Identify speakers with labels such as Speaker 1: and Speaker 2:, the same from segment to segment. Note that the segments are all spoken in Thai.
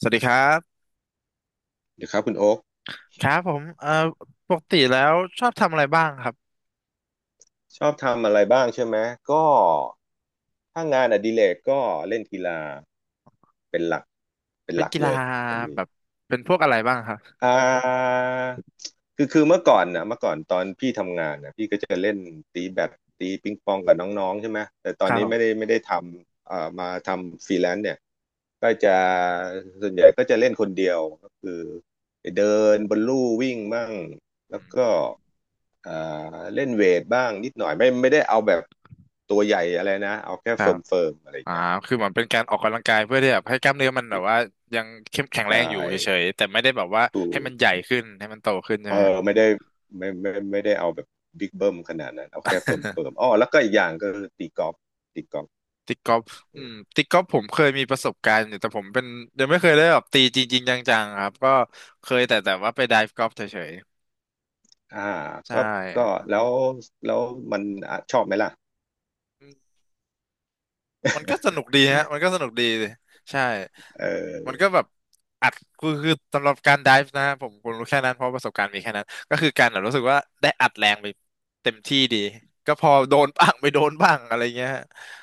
Speaker 1: สวัสดีครับ
Speaker 2: เดี๋ยวครับคุณโอ๊ค
Speaker 1: ครับผมปกติแล้วชอบทำอะไรบ้างครับ
Speaker 2: ชอบทำอะไรบ้างใช่ไหมก็ถ้างานอดิเรกก็เล่นกีฬาเป็นหลักเป็น
Speaker 1: เป็
Speaker 2: ห
Speaker 1: น
Speaker 2: ลัก
Speaker 1: กี
Speaker 2: เล
Speaker 1: ฬา
Speaker 2: ยตรง
Speaker 1: แบ
Speaker 2: นี้
Speaker 1: บเป็นพวกอะไรบ้างครับ
Speaker 2: อ่าคือเมื่อก่อนตอนพี่ทำงานนะพี่ก็จะเล่นตีแบดตีปิงปองกับน้องๆใช่ไหมแต่ตอ
Speaker 1: ค
Speaker 2: น
Speaker 1: รับ
Speaker 2: นี้
Speaker 1: ผ
Speaker 2: ไม่ได้
Speaker 1: ม
Speaker 2: ไม่ได้ทำมาทำฟรีแลนซ์เนี่ยก็จะส่วนใหญ่ก็จะเล่นคนเดียวก็คือไปเดินบนลู่วิ่งมั่งแล้วก็ เอ่เล่นเวทบ้างนิดหน่อยไม่ได้เอาแบบตัวใหญ่อะไรนะเอาแค่
Speaker 1: ครั
Speaker 2: เฟิ
Speaker 1: บ
Speaker 2: ร์มเฟิร์มอะไรอย่า
Speaker 1: อ่า
Speaker 2: งเงี้ย
Speaker 1: คือเหมือนเป็นการออกกำลังกายเพื่อที่แบบให้กล้ามเนื้อมันแบบว่ายังเข้มแข็งแร
Speaker 2: ใช่
Speaker 1: งอยู่เฉยๆแต่ไม่ได้แบบว่า
Speaker 2: ดูก
Speaker 1: ให้มันใหญ่ขึ้นให้มันโตขึ้นใช่
Speaker 2: เอ
Speaker 1: ไหมฮะ
Speaker 2: อไม่ได้ไม่ได้เอาแบบบิ๊กเบิ้มขนาดนั้นเอาแค่เฟิร์ม เฟิร์มอ๋อแล้วก็อีกอย่างก็คือตีกอล์ฟ
Speaker 1: ตีกอล์ฟอืมตีกอล์ฟผมเคยมีประสบการณ์อยู่แต่ผมเป็นยังไม่เคยได้แบบตีจริงๆจังๆครับก็เคยแต่แต่ว่าไปไดฟ์กอล์ฟเฉย
Speaker 2: อ่า
Speaker 1: ๆใช่
Speaker 2: ก็ก็แล้วแล้วมันอ่ะชอบไหมล่ะ
Speaker 1: มันก็สนุกดีฮะมันก็สนุกดีใช่
Speaker 2: เ
Speaker 1: มั
Speaker 2: ออ
Speaker 1: นก็แบบอัดคือสำหรับการไดฟ์นะผมรู้แค่นั้นเพราะประสบการณ์มีแค่นั้นก็คือการแบบรู้สึกว่าได้อัดแรงไปเต็มที่ดีก็พอโดนบ้างไม่โดนบ้างอะไรเงี้ยฮะ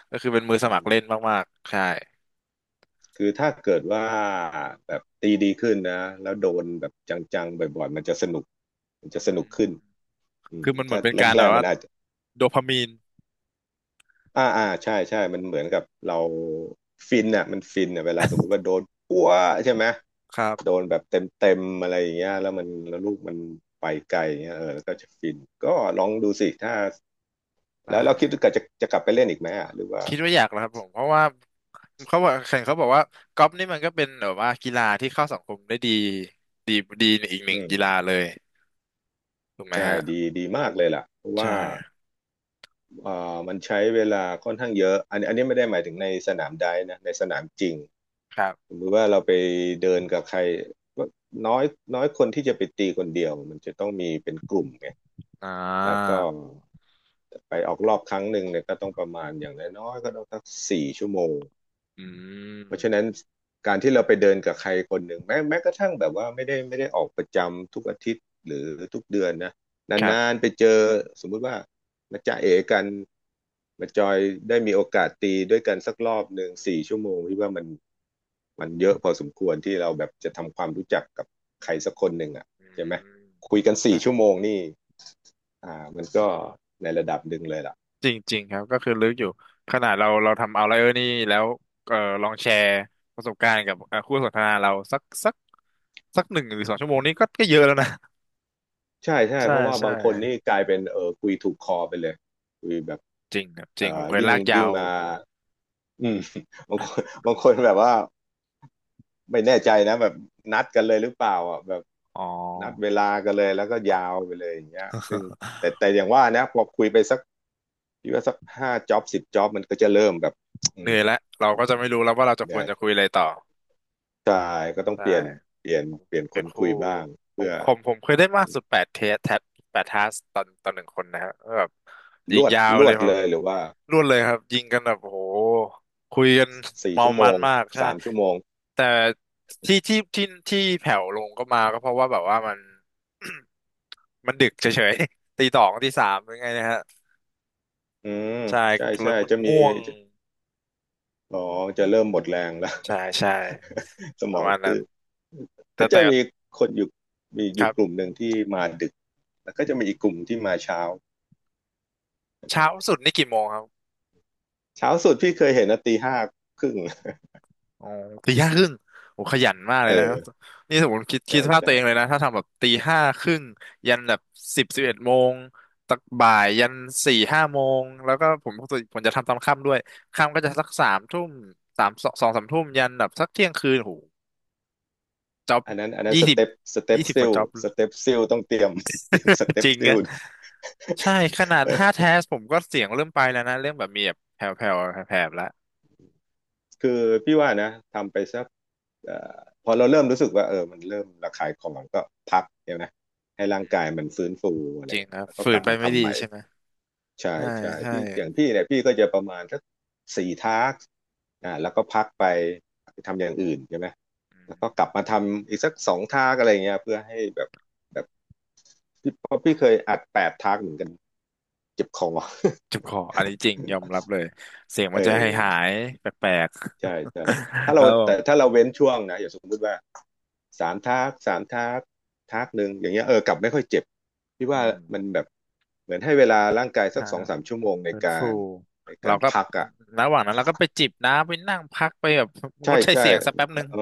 Speaker 1: ก็คือเป็นมือส
Speaker 2: อื
Speaker 1: มัคร
Speaker 2: ม
Speaker 1: เล่นมากๆใช่
Speaker 2: คือถ้าเกิดว่าแบบตีดีขึ้นนะแล้วโดนแบบจังๆบ่อยๆมันจะสนุกมันจะ
Speaker 1: อื
Speaker 2: สนุก
Speaker 1: ม
Speaker 2: ขึ้น
Speaker 1: คือมันเหมื
Speaker 2: ถ้า
Speaker 1: อนเป็นการ
Speaker 2: แร
Speaker 1: แบ
Speaker 2: ก
Speaker 1: บ
Speaker 2: ๆมั
Speaker 1: ว่า
Speaker 2: นอาจ
Speaker 1: โดพามีน
Speaker 2: อ่าอ่าใช่ใช่มันเหมือนกับเราฟินอ่ะมันฟินอ่ะเวลาสมมุติว่าโดนปั้วใช่ไหม
Speaker 1: ครั
Speaker 2: โด
Speaker 1: บ
Speaker 2: นแบบเต็มเต็มอะไรอย่างเงี้ยแล้วลูกมันไปไกลอย่างเงี้ยเออแล้วก็จะฟินก็ลอ
Speaker 1: อ๋
Speaker 2: ง
Speaker 1: อ
Speaker 2: ดูสิถ้าแล้ว
Speaker 1: ได้
Speaker 2: เราคิดว่าจะกลับไปเล่นอีกไหมอ่ะหรือว่า
Speaker 1: คิดว่าอยากนะครับผมเพราะว่าเขาบอกแข่งเขาบอกว่ากอล์ฟนี่มันก็เป็นแบบว่ากีฬาที่เข้าสังคมได้ดีดีดีอีกหนึ่ง
Speaker 2: อืม
Speaker 1: กีฬาเลยถูกไหม
Speaker 2: ใช่
Speaker 1: ฮะ
Speaker 2: ดีดีมากเลยล่ะเพราะ
Speaker 1: ใช่
Speaker 2: ว่ามันใช้เวลาค่อนข้างเยอะอันนี้ไม่ได้หมายถึงในสนามไดฟ์นะในสนามจริง
Speaker 1: ครั
Speaker 2: สม
Speaker 1: บ
Speaker 2: มติว่าเราไปเดินกับใครน้อยน้อยคนที่จะไปตีคนเดียวมันจะต้องมีเป็นกลุ่มไง
Speaker 1: อ่
Speaker 2: แล้ว
Speaker 1: า
Speaker 2: ก็ไปออกรอบครั้งหนึ่งเนี่ยก็ต้องประมาณอย่างน้อยๆก็ต้องสักสี่ชั่วโมง
Speaker 1: อืม
Speaker 2: เพราะฉะนั้นการที่เราไปเดินกับใครคนหนึ่งแม้กระทั่งแบบว่าไม่ได้ออกประจำทุกอาทิตย์หรือทุกเดือนนะ
Speaker 1: ครั
Speaker 2: นาน
Speaker 1: บ
Speaker 2: ๆไปเจอสมมุติว่ามาจะเอกันมาจอยได้มีโอกาสตีด้วยกันสักรอบหนึ่งสี่ชั่วโมงพี่ว่ามันมันเยอะพอสมควรที่เราแบบจะทำความรู้จักกับใครสักคนหนึ่งอ่ะ
Speaker 1: อ
Speaker 2: ใช่ไหม
Speaker 1: ื
Speaker 2: คุยกันสี่ชั่ว
Speaker 1: ม
Speaker 2: โมงนี่ มันก็ในระดับหนึ่งเลยล่ะ
Speaker 1: จริงจริงครับก็คือลึกอยู่ขนาดเราทำเอาไลเออร์นี่แล้วเออลองแชร์ประสบการณ์กับคู่สนทนาเราสัก1 หรือ 2 ชั่วโมงนี้ก็ก็เยอะแล้วนะ
Speaker 2: ใช่ใช่
Speaker 1: ใช่
Speaker 2: เพราะว่า
Speaker 1: ใช่
Speaker 2: บางคนนี่กลายเป็นเออคุยถูกคอไปเลยคุยแบบ
Speaker 1: จริงครับจริงผมเคย
Speaker 2: ยิ่ง
Speaker 1: ลากยา
Speaker 2: ยิ่ง
Speaker 1: ว
Speaker 2: มาอืม บางคนบางคนแบบว่าไม่แน่ใจนะแบบนัดกันเลยหรือเปล่าอ่ะแบบ
Speaker 1: อ๋อ
Speaker 2: นัดเวลากันเลยแล้วก็ยาวไปเลยอย่างเงี้ยซึ่งแต่อย่างว่านะพอคุยไปสักพี่ว่าสัก5 จ็อบ10 จ็อบมันก็จะเริ่มแบบอื
Speaker 1: เหนื่
Speaker 2: ม
Speaker 1: อยแล้วเราก็จะไม่รู้แล้วว่าเราจะคว
Speaker 2: ใช่
Speaker 1: รจะคุยอะไรต่อ
Speaker 2: ใช่ก็ต้อง
Speaker 1: ได้
Speaker 2: เปลี่ยนเปลี่ยน
Speaker 1: ผม
Speaker 2: เปลี่ยนค
Speaker 1: เป็น
Speaker 2: น
Speaker 1: คู่
Speaker 2: คุยบ้าง
Speaker 1: ผม
Speaker 2: เพื่อ
Speaker 1: ผมผมเคยได้มากสุด8 เทสแทบ8 ทัสตอนหนึ่งคนนะฮะแบบยิ
Speaker 2: ล
Speaker 1: ง
Speaker 2: วด
Speaker 1: ยาว
Speaker 2: ล
Speaker 1: เล
Speaker 2: ว
Speaker 1: ย
Speaker 2: ด
Speaker 1: ครับ
Speaker 2: เลยหรือว่า
Speaker 1: รวดเลยครับยิงกันแบบโอ้โหคุยกัน
Speaker 2: สี่
Speaker 1: เมา
Speaker 2: ชั่วโม
Speaker 1: มัน
Speaker 2: ง
Speaker 1: มากใช่
Speaker 2: 3 ชั่วโมง
Speaker 1: แต่ที่แผ่วลงก็มาก็เพราะว่าแบบว่ามัน มันดึกเฉยๆ ตี 2 ตี 3ยังไงนะฮะ
Speaker 2: อืม
Speaker 1: ใช่
Speaker 2: ใช่ใช่
Speaker 1: เรื่องมัน
Speaker 2: จะมี
Speaker 1: ง่วง
Speaker 2: อ๋อจะเริ่มหมดแรงแล้ว
Speaker 1: ใช่ ใช่
Speaker 2: ส
Speaker 1: ป
Speaker 2: ม
Speaker 1: ระ
Speaker 2: อง
Speaker 1: มาณนั้
Speaker 2: ตื้
Speaker 1: น
Speaker 2: อ
Speaker 1: แต่
Speaker 2: ก็จะ
Speaker 1: แต่
Speaker 2: มีคนอยู่มีอ
Speaker 1: ค
Speaker 2: ยู่
Speaker 1: รั
Speaker 2: ก
Speaker 1: บ
Speaker 2: ลุ่มหนึ่งที่มาดึกแล้วก็จะมีอีกกลุ่มที่มาเช้า
Speaker 1: เช้าสุดนี่กี่โมงครับ
Speaker 2: เช้าสุดพี่เคยเห็นนะตี 5 ครึ่ง
Speaker 1: อ๋อตี 5 ครึ่งโอ้ขยันมากเล
Speaker 2: เ
Speaker 1: ยนะค
Speaker 2: ออ
Speaker 1: รับนี่สมมติคิด
Speaker 2: ใช่
Speaker 1: สภาพตั
Speaker 2: ใช่
Speaker 1: วเองเลยนะ ถ้าทำแบบตี 5 ครึ่งยันแบบ10 11 โมงตักบ่ายยัน4 5 โมงแล้วก็ผมจะทำตอนค่ำด้วยค่ำก็จะสักสามทุ่ม3 2 2 3 ทุ่มยันแบบสักเที่ยงคืน โอ้โหจ็อบ
Speaker 2: อันนั้น
Speaker 1: ยี่สิบ
Speaker 2: สเต็ป
Speaker 1: ยี่สิบก
Speaker 2: ซิ
Speaker 1: ว่า
Speaker 2: ล
Speaker 1: จ็อบ
Speaker 2: สเต็ปซิลต้องเตรียม เตรียมส เต็
Speaker 1: จ
Speaker 2: ป
Speaker 1: ริง
Speaker 2: ซิล
Speaker 1: อะใช่ขนาดห้าแท สผมก็เสียงเริ่มไปแล้วนะเริ่มแบบมีแบบแผ่วๆแผ่วๆแล้ว
Speaker 2: คือพี่ว่านะทำไปสักเอ่อพอเราเริ่มรู้สึกว่าเออมันเริ่มระคายคอมันก็พักเนี่ยนะให้ร่างกายมันฟื้นฟูอะไร
Speaker 1: จ
Speaker 2: อ
Speaker 1: ริ
Speaker 2: ย่า
Speaker 1: ง
Speaker 2: ง
Speaker 1: ค
Speaker 2: เงี้ย
Speaker 1: รับ
Speaker 2: แล้วก็
Speaker 1: ฝื
Speaker 2: ก
Speaker 1: น
Speaker 2: ลับ
Speaker 1: ไป
Speaker 2: มา
Speaker 1: ไม่
Speaker 2: ทำ
Speaker 1: ดี
Speaker 2: ใหม่
Speaker 1: ใช่ไหม
Speaker 2: ใช่
Speaker 1: ใช่
Speaker 2: ใช่
Speaker 1: ใช่
Speaker 2: พี่อย่างพี่เนี่ยพี่ก็จะประมาณสัก4 ทาร์กแล้วก็พักไปทำอย่างอื่นใช่ไหมแล้วก็กลับมาทำอีกสัก2 ทาร์กอะไรเงี้ยเพื่อให้แบบแบบพี่เพราะพี่เคยอัด8 ทาร์กเหมือนกันเจ็บคอ
Speaker 1: เจ็บคออันนี้จริงยอมรับเลยเสียงมั
Speaker 2: เอ
Speaker 1: นจะหา
Speaker 2: อ
Speaker 1: ยหายแปลก
Speaker 2: ใช่ใช่
Speaker 1: ๆ
Speaker 2: ถ้า เรา
Speaker 1: แล้ว
Speaker 2: แต่ถ้าเราเว้นช่วงนะอย่างสมมุติว่าสามทักสามทักทักหนึ่งอย่างเงี้ยเออกลับไม่ค่อยเจ็บพี่ว่า
Speaker 1: อืม
Speaker 2: มันแบบเหมือนให้เวลาร่างกายสั
Speaker 1: อ่า
Speaker 2: ก2-3 ชั่วโมงใน
Speaker 1: ฟื้น
Speaker 2: กา
Speaker 1: ฟู
Speaker 2: รในกา
Speaker 1: เรา
Speaker 2: ร
Speaker 1: ก็
Speaker 2: พักอ่ะ
Speaker 1: ระหว่างนั้นเราก็ไปจิบน้ำไปนั่งพักไปแบบง
Speaker 2: ใช่
Speaker 1: ดใช้
Speaker 2: ใช่
Speaker 1: เสียงสักแป๊บหนึ่ง
Speaker 2: เออ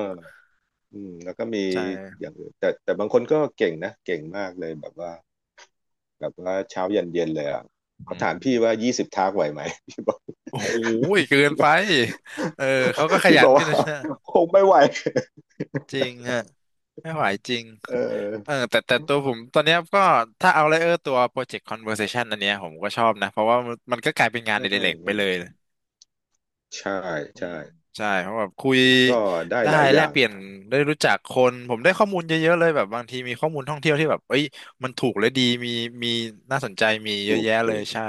Speaker 2: อืมแล้วก็มี
Speaker 1: ใช่
Speaker 2: อย่างอื่นแต่บางคนก็เก่งนะเก่งมากเลยแบบว่าเช้ายันเย็นเลยอ่ะเขา
Speaker 1: อื
Speaker 2: ถาม
Speaker 1: ม
Speaker 2: พี่ว่า20 ทักไหวไหม พี่บอก
Speaker 1: โอ้โหเกินไปเออเขาก็ข
Speaker 2: พี่
Speaker 1: ยั
Speaker 2: บ
Speaker 1: น
Speaker 2: อก
Speaker 1: กัน
Speaker 2: ว่า
Speaker 1: นะ
Speaker 2: คงไม่ไหว
Speaker 1: จริงฮะไม่ไหวจริง
Speaker 2: เออ
Speaker 1: เออแต่แต่ตัวผมตอนเนี้ยก็ถ้าเอาเลยเออตัว Project Conversation อันเนี้ยผมก็ชอบนะเพราะว่ามันก็กลายเป็นงาน
Speaker 2: อื
Speaker 1: อดิเรกไปเลย
Speaker 2: ม ใช่
Speaker 1: อืม
Speaker 2: ใช่
Speaker 1: ใช่เพราะแบบคุย
Speaker 2: มันก็ได้
Speaker 1: ได้
Speaker 2: หลายอ
Speaker 1: แลก
Speaker 2: ย่าง
Speaker 1: เปลี่ยนได้รู้จักคนผมได้ข้อมูลเยอะๆเลยแบบบางทีมีข้อมูลท่องเที่ยวที่แบบเอ้ยมันถูกและดีมีน่าสนใจมีเยอะ
Speaker 2: ถูก
Speaker 1: แยะเล
Speaker 2: ถู
Speaker 1: ย
Speaker 2: ก
Speaker 1: ใช่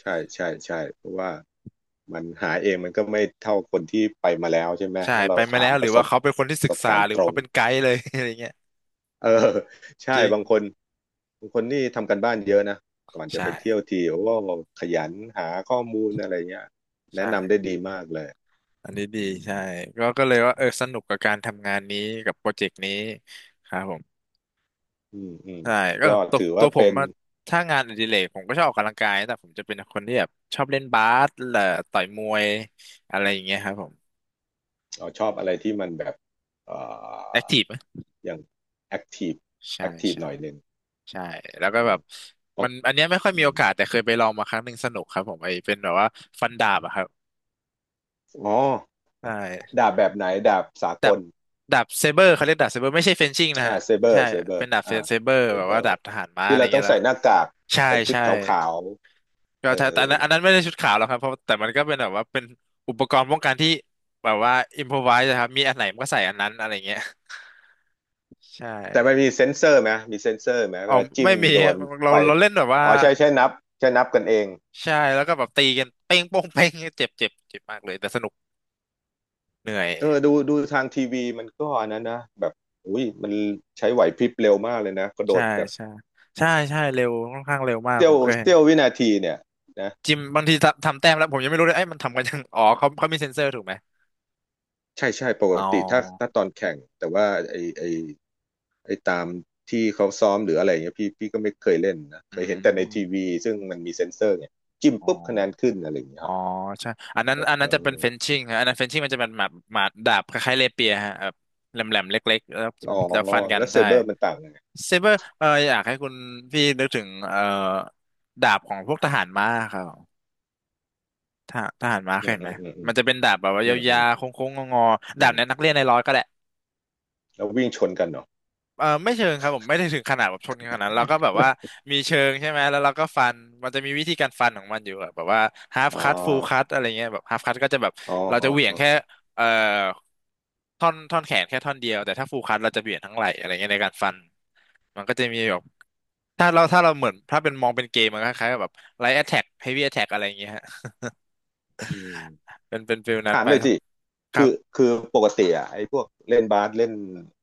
Speaker 2: ใช่ใช่ใช่เพราะว่ามันหาเองมันก็ไม่เท่าคนที่ไปมาแล้วใช่ไหม
Speaker 1: ใช่
Speaker 2: แล้ว
Speaker 1: ไป
Speaker 2: เรา
Speaker 1: มา
Speaker 2: ถา
Speaker 1: แล้
Speaker 2: ม
Speaker 1: ว
Speaker 2: ป
Speaker 1: หรือ
Speaker 2: ระส
Speaker 1: ว่า
Speaker 2: บ
Speaker 1: เขาเป็นคนที่
Speaker 2: ประ
Speaker 1: ศึ
Speaker 2: ส
Speaker 1: ก
Speaker 2: บ
Speaker 1: ษา
Speaker 2: การ
Speaker 1: ห
Speaker 2: ณ์
Speaker 1: รือ
Speaker 2: ตรง
Speaker 1: เขาเป็นไกด์เลย อะไรเงี้ย
Speaker 2: เออ
Speaker 1: จ
Speaker 2: ใช่
Speaker 1: ริง
Speaker 2: บางคนบางคนนี่ทำกันบ้านเยอะนะก่อนจะไปเที่ยว
Speaker 1: ใช่
Speaker 2: ทีโอ้ขยันหาข้อมูลอะไรเงี้ยแนะ
Speaker 1: ใช่
Speaker 2: นำได้ดีมากเลย
Speaker 1: อันนี้ดี
Speaker 2: อื
Speaker 1: ใช่
Speaker 2: ม
Speaker 1: ก็ก็เลยว่าเออสนุกกับการทำงานนี้กับโปรเจกต์นี้ครับผม
Speaker 2: อืมอืม
Speaker 1: ใช่ก็
Speaker 2: ก็
Speaker 1: ตัว
Speaker 2: ถือ
Speaker 1: ตั
Speaker 2: ว่า
Speaker 1: วผ
Speaker 2: เป็
Speaker 1: ม
Speaker 2: น
Speaker 1: อะถ้างานอดิเรกผมก็ชอบออกกำลังกายแต่ผมจะเป็นคนที่แบบชอบเล่นบาสและต่อยมวยอะไรอย่างเงี้ยครับผม
Speaker 2: ชอบอะไรที่มันแบบเอ่
Speaker 1: แอค
Speaker 2: อ
Speaker 1: ทีฟไหม
Speaker 2: อย่างแอคทีฟ
Speaker 1: ใช่
Speaker 2: แอคทีฟ
Speaker 1: ใช่
Speaker 2: หน่อยหนึ่ง
Speaker 1: ใช่แล้วก็แบบ
Speaker 2: ขอ
Speaker 1: มั
Speaker 2: ง
Speaker 1: นอันเนี้ยไม่ค่อย
Speaker 2: อ
Speaker 1: มีโอกาสแต่เคยไปลองมาครั้งหนึ่งสนุกครับผมไอ้เป็นแบบว่าฟันดาบอะครับ
Speaker 2: ๋อ
Speaker 1: ใช่
Speaker 2: ดาบแบบไหนดาบสาก
Speaker 1: ดาบ
Speaker 2: ล
Speaker 1: ดาบเซเบอร์เขาเรียกดาบเซเบอร์ไม่ใช่เฟนชิ่งนะฮะ
Speaker 2: เซเบอ
Speaker 1: ใช่
Speaker 2: ร์
Speaker 1: เป็นดาบเซเบอร์
Speaker 2: เซ
Speaker 1: แบบ
Speaker 2: เบ
Speaker 1: ว่า
Speaker 2: อ
Speaker 1: ดา
Speaker 2: ร์
Speaker 1: บทหารม้าอะ
Speaker 2: ที่
Speaker 1: ไร
Speaker 2: เราต้อ
Speaker 1: เงี้
Speaker 2: ง
Speaker 1: ยแล้
Speaker 2: ใส่
Speaker 1: ว
Speaker 2: หน้ากาก
Speaker 1: ใช่
Speaker 2: ใส่ชุด
Speaker 1: ใช่
Speaker 2: ขาวๆ
Speaker 1: ก็
Speaker 2: เออ
Speaker 1: ใช่แต่อันนั้นอันนั้นไม่ได้ชุดขาวหรอกครับเพราะแต่มันก็เป็นแบบว่าเป็นอุปกรณ์ป้องกันที่แบบว่าอิมพอไวส์ครับมีอันไหนมันก็ใส่อันนั้นอะไรเงี้ยใช่
Speaker 2: แต่มันมีเซ็นเซอร์ไหมมีเซ็นเซอร์ไหม
Speaker 1: อ๋
Speaker 2: เว
Speaker 1: อ
Speaker 2: ลาจิ้
Speaker 1: ไม่
Speaker 2: ม
Speaker 1: มี
Speaker 2: โด
Speaker 1: ครับ
Speaker 2: น
Speaker 1: เรา
Speaker 2: ไฟ
Speaker 1: เราเล่นแบบว่า
Speaker 2: อ๋อใช่ใช่นับใช่นับกันเอง
Speaker 1: ใช่แล้วก็แบบตีกันเป้งโป้งเป้งเจ็บเจ็บเจ็บมากเลยแต่สนุกเหนื่อย
Speaker 2: เออดูดูทางทีวีมันก็อันนั้นนะแบบอุ้ยมันใช้ไหวพริบเร็วมากเลยนะกระโด
Speaker 1: ใช่
Speaker 2: ดแบบ
Speaker 1: ใช่ใช่ใช่เร็วค่อนข้างเร็วมาก
Speaker 2: เสี้
Speaker 1: ผ
Speaker 2: ยว
Speaker 1: มเคยเห็น
Speaker 2: เสี้ยววินาทีเนี่ยนะ
Speaker 1: จิมบางทีทำแต้มแล้วผมยังไม่รู้เลยไอ้ยมันทำกันยังอ๋อเขามีเซ็นเซอร์ถูกไหม
Speaker 2: ใช่ใช่ปก
Speaker 1: อ๋อ
Speaker 2: ติถ้าตอนแข่งแต่ว่าไอ้ตามที่เขาซ้อมหรืออะไรเงี้ยพี่ก็ไม่เคยเล่นนะ
Speaker 1: อื
Speaker 2: เคยเห็นแต่ในที
Speaker 1: ม
Speaker 2: วีซึ่งมันมีเซ็นเซอร์ไยจิ้ม
Speaker 1: อ๋อ
Speaker 2: ปุ๊บคะแนนขึ้นอะไรอย่างเงี้ย
Speaker 1: อ๋
Speaker 2: ค
Speaker 1: อ
Speaker 2: รับ
Speaker 1: ใช่ อันนั้นอัน
Speaker 2: เอ
Speaker 1: นั้น
Speaker 2: อ
Speaker 1: จะเป็นเฟนชิ่งฮะอันนั้นเฟนชิ่งมันจะเป็นหมาดหมาดดาบคล้ายๆเลเปียฮะแบบแหลมๆเล็กๆแล้ว
Speaker 2: อ๋อ
Speaker 1: แล้วฟันกัน
Speaker 2: แล้วเซ
Speaker 1: ใช่
Speaker 2: เบอร์มันต่างยังไง
Speaker 1: เซเบอร์อยากให้คุณพี่นึกถึงดาบของพวกทหารม้าครับทหารม้าเค
Speaker 2: อื
Speaker 1: ย
Speaker 2: ม
Speaker 1: เห็น
Speaker 2: อื
Speaker 1: ไหม
Speaker 2: มอืมอื
Speaker 1: มั
Speaker 2: ม
Speaker 1: นจะเป็นดาบแบบว่า
Speaker 2: อืมอื
Speaker 1: ยา
Speaker 2: ม
Speaker 1: วๆโค้งๆงอๆ
Speaker 2: อื
Speaker 1: ดาบ
Speaker 2: ม
Speaker 1: เนี้ยนักเรียนในร้อยก็ได้
Speaker 2: แล้ววิ่งชนกันเหรอ
Speaker 1: เออไม่เชิงครับผมไม่ได้ถึงขนาดแบบชนกันขนาดนั้นเราก็แบบว่ามีเชิงใช่ไหมแล้วเราก็ฟันมันจะมีวิธีการฟันของมันอยู่อะแบบว่า half
Speaker 2: อ๋อ
Speaker 1: cut full cut อะไรเงี้ยแบบ half cut ก็จะแบบ
Speaker 2: อ๋อ
Speaker 1: เรา
Speaker 2: อ๋
Speaker 1: จะ
Speaker 2: อ
Speaker 1: เหวี่ยง
Speaker 2: อ๋
Speaker 1: แค่
Speaker 2: อ
Speaker 1: เอ่อท่อนแขนแค่ท่อนเดียวแต่ถ้า full cut เราจะเหวี่ยงทั้งไหล่อะไรเงี้ยในการฟันมันก็จะมีแบบถ้าเราเหมือนถ้าเป็นมองเป็นเกมมันก็คล้ายๆกับแบบ light attack heavy attack อะไรเงี้ยฮะ
Speaker 2: อืม
Speaker 1: เป็นฟิลนั้น
Speaker 2: ถาม
Speaker 1: ไป
Speaker 2: เลยสิ
Speaker 1: ครั
Speaker 2: คื
Speaker 1: บ
Speaker 2: อคือปกติอ่ะไอ้พวกเล่นบาสเล่น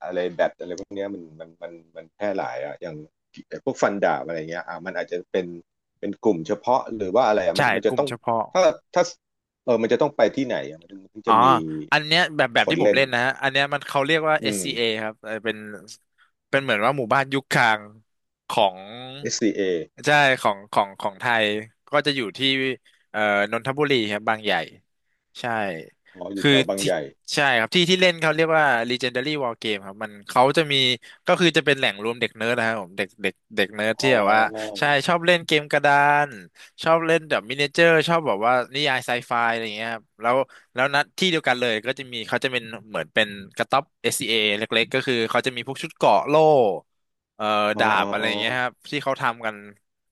Speaker 2: อะไรแบดอะไรพวกเนี้ยมันแพร่หลายอ่ะอย่างไอ้พวกฟันดาบอะไรเงี้ยอ่ะมันอาจจะเป็นเป็นกลุ่มเฉพาะหรือว่าอะไรอ่ะมั
Speaker 1: ใช่
Speaker 2: นมัน
Speaker 1: ก
Speaker 2: จะ
Speaker 1: ลุ่ม
Speaker 2: ต้อง
Speaker 1: เฉพาะ
Speaker 2: ถ้าถ้าเออมันจะต้องไปที่ไหนอ่ะมันถึง
Speaker 1: อ๋อ
Speaker 2: จะมี
Speaker 1: อันเนี้ยแบบ
Speaker 2: ค
Speaker 1: ที่
Speaker 2: น
Speaker 1: ผม
Speaker 2: เล่น
Speaker 1: เล่นนะฮะอันเนี้ยมันเขาเรียกว่า
Speaker 2: อืม
Speaker 1: SCA ครับเออเป็นเหมือนว่าหมู่บ้านยุคกลางของ
Speaker 2: SCA อสซีเอ
Speaker 1: ใช่ของไทยก็จะอยู่ที่เอ่อนนทบุรีครับบางใหญ่ใช่
Speaker 2: อ๋ออยู่
Speaker 1: คือ
Speaker 2: แถวบาง
Speaker 1: ที่
Speaker 2: ใหญ่
Speaker 1: ใช่ครับที่เล่นเขาเรียกว่า Legendary War Game ครับมันเขาจะมีก็คือจะเป็นแหล่งรวมเด็กเนิร์ดนะครับผมเด็กเด็กเด็กเนิร์ด
Speaker 2: อ๋
Speaker 1: ที่แบบว่า
Speaker 2: อ
Speaker 1: ใช่ชอบเล่นเกมกระดานชอบเล่นแบบมินิเจอร์ชอบแบบว่านิยายไซไฟอะไรอย่างเงี้ยครับแล้ว แล้วนัดที่เดียวกันเลยก็จะมีเขาจะเป็นเหมือนเป็นกระต๊อบ SCA เอเล็กๆก็คือเขาจะมีพวกชุดเกราะโล่เอ่อ
Speaker 2: อ๋อ
Speaker 1: ดา
Speaker 2: อ๋
Speaker 1: บ
Speaker 2: อ
Speaker 1: อะไร
Speaker 2: อ๋อ
Speaker 1: อย่างเงี้ยครับที่เขาทำกัน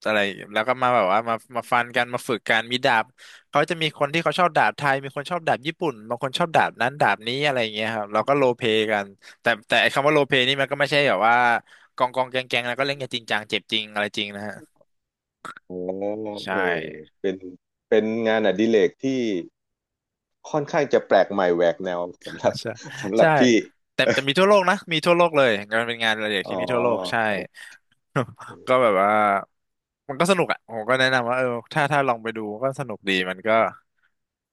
Speaker 1: อะไรแล้วก็มาแบบว่ามาฟันกันมาฝึกกันมีดาบเขาจะมีคนที่เขาชอบดาบไทยมีคนชอบดาบญี่ปุ่นบางคนชอบดาบนั้นดาบนี้อะไรอย่างเงี้ยครับเราก็โรลเพลย์กันแต่ไอ้คำว่าโรลเพลย์นี่มันก็ไม่ใช่แบบว่ากองแกงแล้วก็เล่นกันจริงจังเจ็บจริงอะไรจริงนะฮะ
Speaker 2: อ๋อ
Speaker 1: ใช่
Speaker 2: เออเป็นเป็นงานอดิเรกที่ ค่อนข้างจะแปลกใหม่แหวกแนวสำห
Speaker 1: อ่า
Speaker 2: รับ
Speaker 1: ใช่
Speaker 2: สำหรั
Speaker 1: ใช่
Speaker 2: บพี่
Speaker 1: แต่มีทั่วโลกนะมีทั่วโลกเลยงานเป็นงานอดิเรก
Speaker 2: อ๋อ
Speaker 1: ที่มีทั่วโลกใช่
Speaker 2: โอเ
Speaker 1: ก็
Speaker 2: ค
Speaker 1: แบบว่ามันก็สนุกอ่ะผมก็แนะนำว่าเออถ้าลองไปดูก็สนุกดีมันก็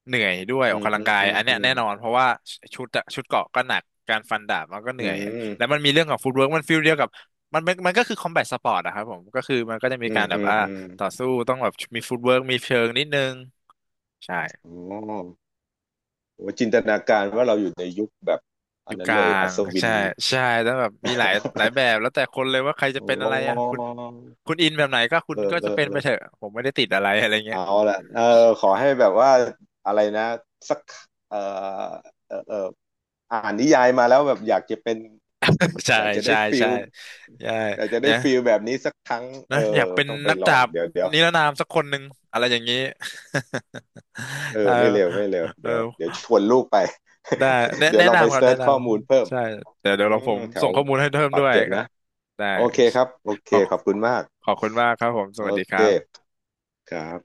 Speaker 1: เหนื่อยด้วยอ
Speaker 2: อื
Speaker 1: อก
Speaker 2: ม
Speaker 1: กำลั
Speaker 2: อื
Speaker 1: ง
Speaker 2: ม
Speaker 1: กาย
Speaker 2: อืม
Speaker 1: อันเนี้
Speaker 2: อื
Speaker 1: ย
Speaker 2: ม
Speaker 1: แน่นอนเพราะว่าชุดอะชุดเกราะก็หนักการฟันดาบมันก็เห
Speaker 2: อื
Speaker 1: นื่อยแล้ว
Speaker 2: ม
Speaker 1: มันมีเรื่องของฟุตเวิร์กมันฟีลเดียวกับมันก็คือคอมแบทสปอร์ตอะครับผมก็คือมันก็จะมี
Speaker 2: อื
Speaker 1: กา
Speaker 2: ม
Speaker 1: รแบ
Speaker 2: อื
Speaker 1: บ
Speaker 2: มอืม
Speaker 1: ต่อสู้ต้องแบบมีฟุตเวิร์กมีเชิงนิดนึงใช่
Speaker 2: อ๋อโอ้จินตนาการว่าเราอยู่ในยุคแบบ
Speaker 1: อ
Speaker 2: อัน
Speaker 1: ยู่
Speaker 2: นั้
Speaker 1: ก
Speaker 2: น
Speaker 1: ลา
Speaker 2: เลยอั
Speaker 1: ง
Speaker 2: ศวิน
Speaker 1: ใช่ใช่แล้วแบบมีหลายแบบ แล้วแต่คนเลยว่าใคร
Speaker 2: โอ
Speaker 1: จะเป็นอะไรอ่ะ
Speaker 2: ้
Speaker 1: คุณอินแบบไหนก็คุณ
Speaker 2: เออ
Speaker 1: ก็
Speaker 2: เอ
Speaker 1: จะ
Speaker 2: อ
Speaker 1: เป็น
Speaker 2: เอ
Speaker 1: ไป
Speaker 2: อ
Speaker 1: เถอะผมไม่ได้ติดอะไรอะไรเงี้ย
Speaker 2: เอาละเออขอให้แบบว่าอะไรนะ สักเออเออเอออ่านนิยายมาแล้วแบบอยากจะเป็น
Speaker 1: ใช่
Speaker 2: อยากจะได้
Speaker 1: ใช่
Speaker 2: ฟิ
Speaker 1: ใช่
Speaker 2: ล
Speaker 1: ใช่
Speaker 2: อยากจะได้
Speaker 1: เนี่ย
Speaker 2: ฟิลแบบนี้สักครั้งเอ
Speaker 1: นะอ
Speaker 2: อ
Speaker 1: ยากเป็น
Speaker 2: ต้องไป
Speaker 1: นัก
Speaker 2: ลอ
Speaker 1: ดา
Speaker 2: ง
Speaker 1: บ
Speaker 2: เดี๋ยวเดี๋ยว
Speaker 1: นิรนามสักคนหนึ่งอะไรอย่างนี้
Speaker 2: เอ
Speaker 1: เออ
Speaker 2: อไม่เร็วไม่เร็ว
Speaker 1: เออ
Speaker 2: เดี๋ยวชวนลูกไป
Speaker 1: ได้
Speaker 2: เดี๋ยว
Speaker 1: แนะ
Speaker 2: ลองไป
Speaker 1: นำครับ
Speaker 2: เซิ
Speaker 1: แนะ
Speaker 2: ร์ช
Speaker 1: น
Speaker 2: ข้อมูลเพิ่
Speaker 1: ำ
Speaker 2: ม
Speaker 1: ใช่เดี๋ยว
Speaker 2: อื
Speaker 1: เดี๋ยวเราผ
Speaker 2: ม
Speaker 1: ม
Speaker 2: แถ
Speaker 1: ส่
Speaker 2: ว
Speaker 1: งข้อมูลให้เพิ่ม
Speaker 2: ปา
Speaker 1: ด้
Speaker 2: ก
Speaker 1: วย
Speaker 2: เกร็ด
Speaker 1: ก็
Speaker 2: นะ
Speaker 1: ได้
Speaker 2: โอเคครับโอเค
Speaker 1: ขอบ
Speaker 2: ขอบคุณมาก
Speaker 1: ขอบคุณมากครับผมส
Speaker 2: โอ
Speaker 1: วัสดีครับ
Speaker 2: เคครับ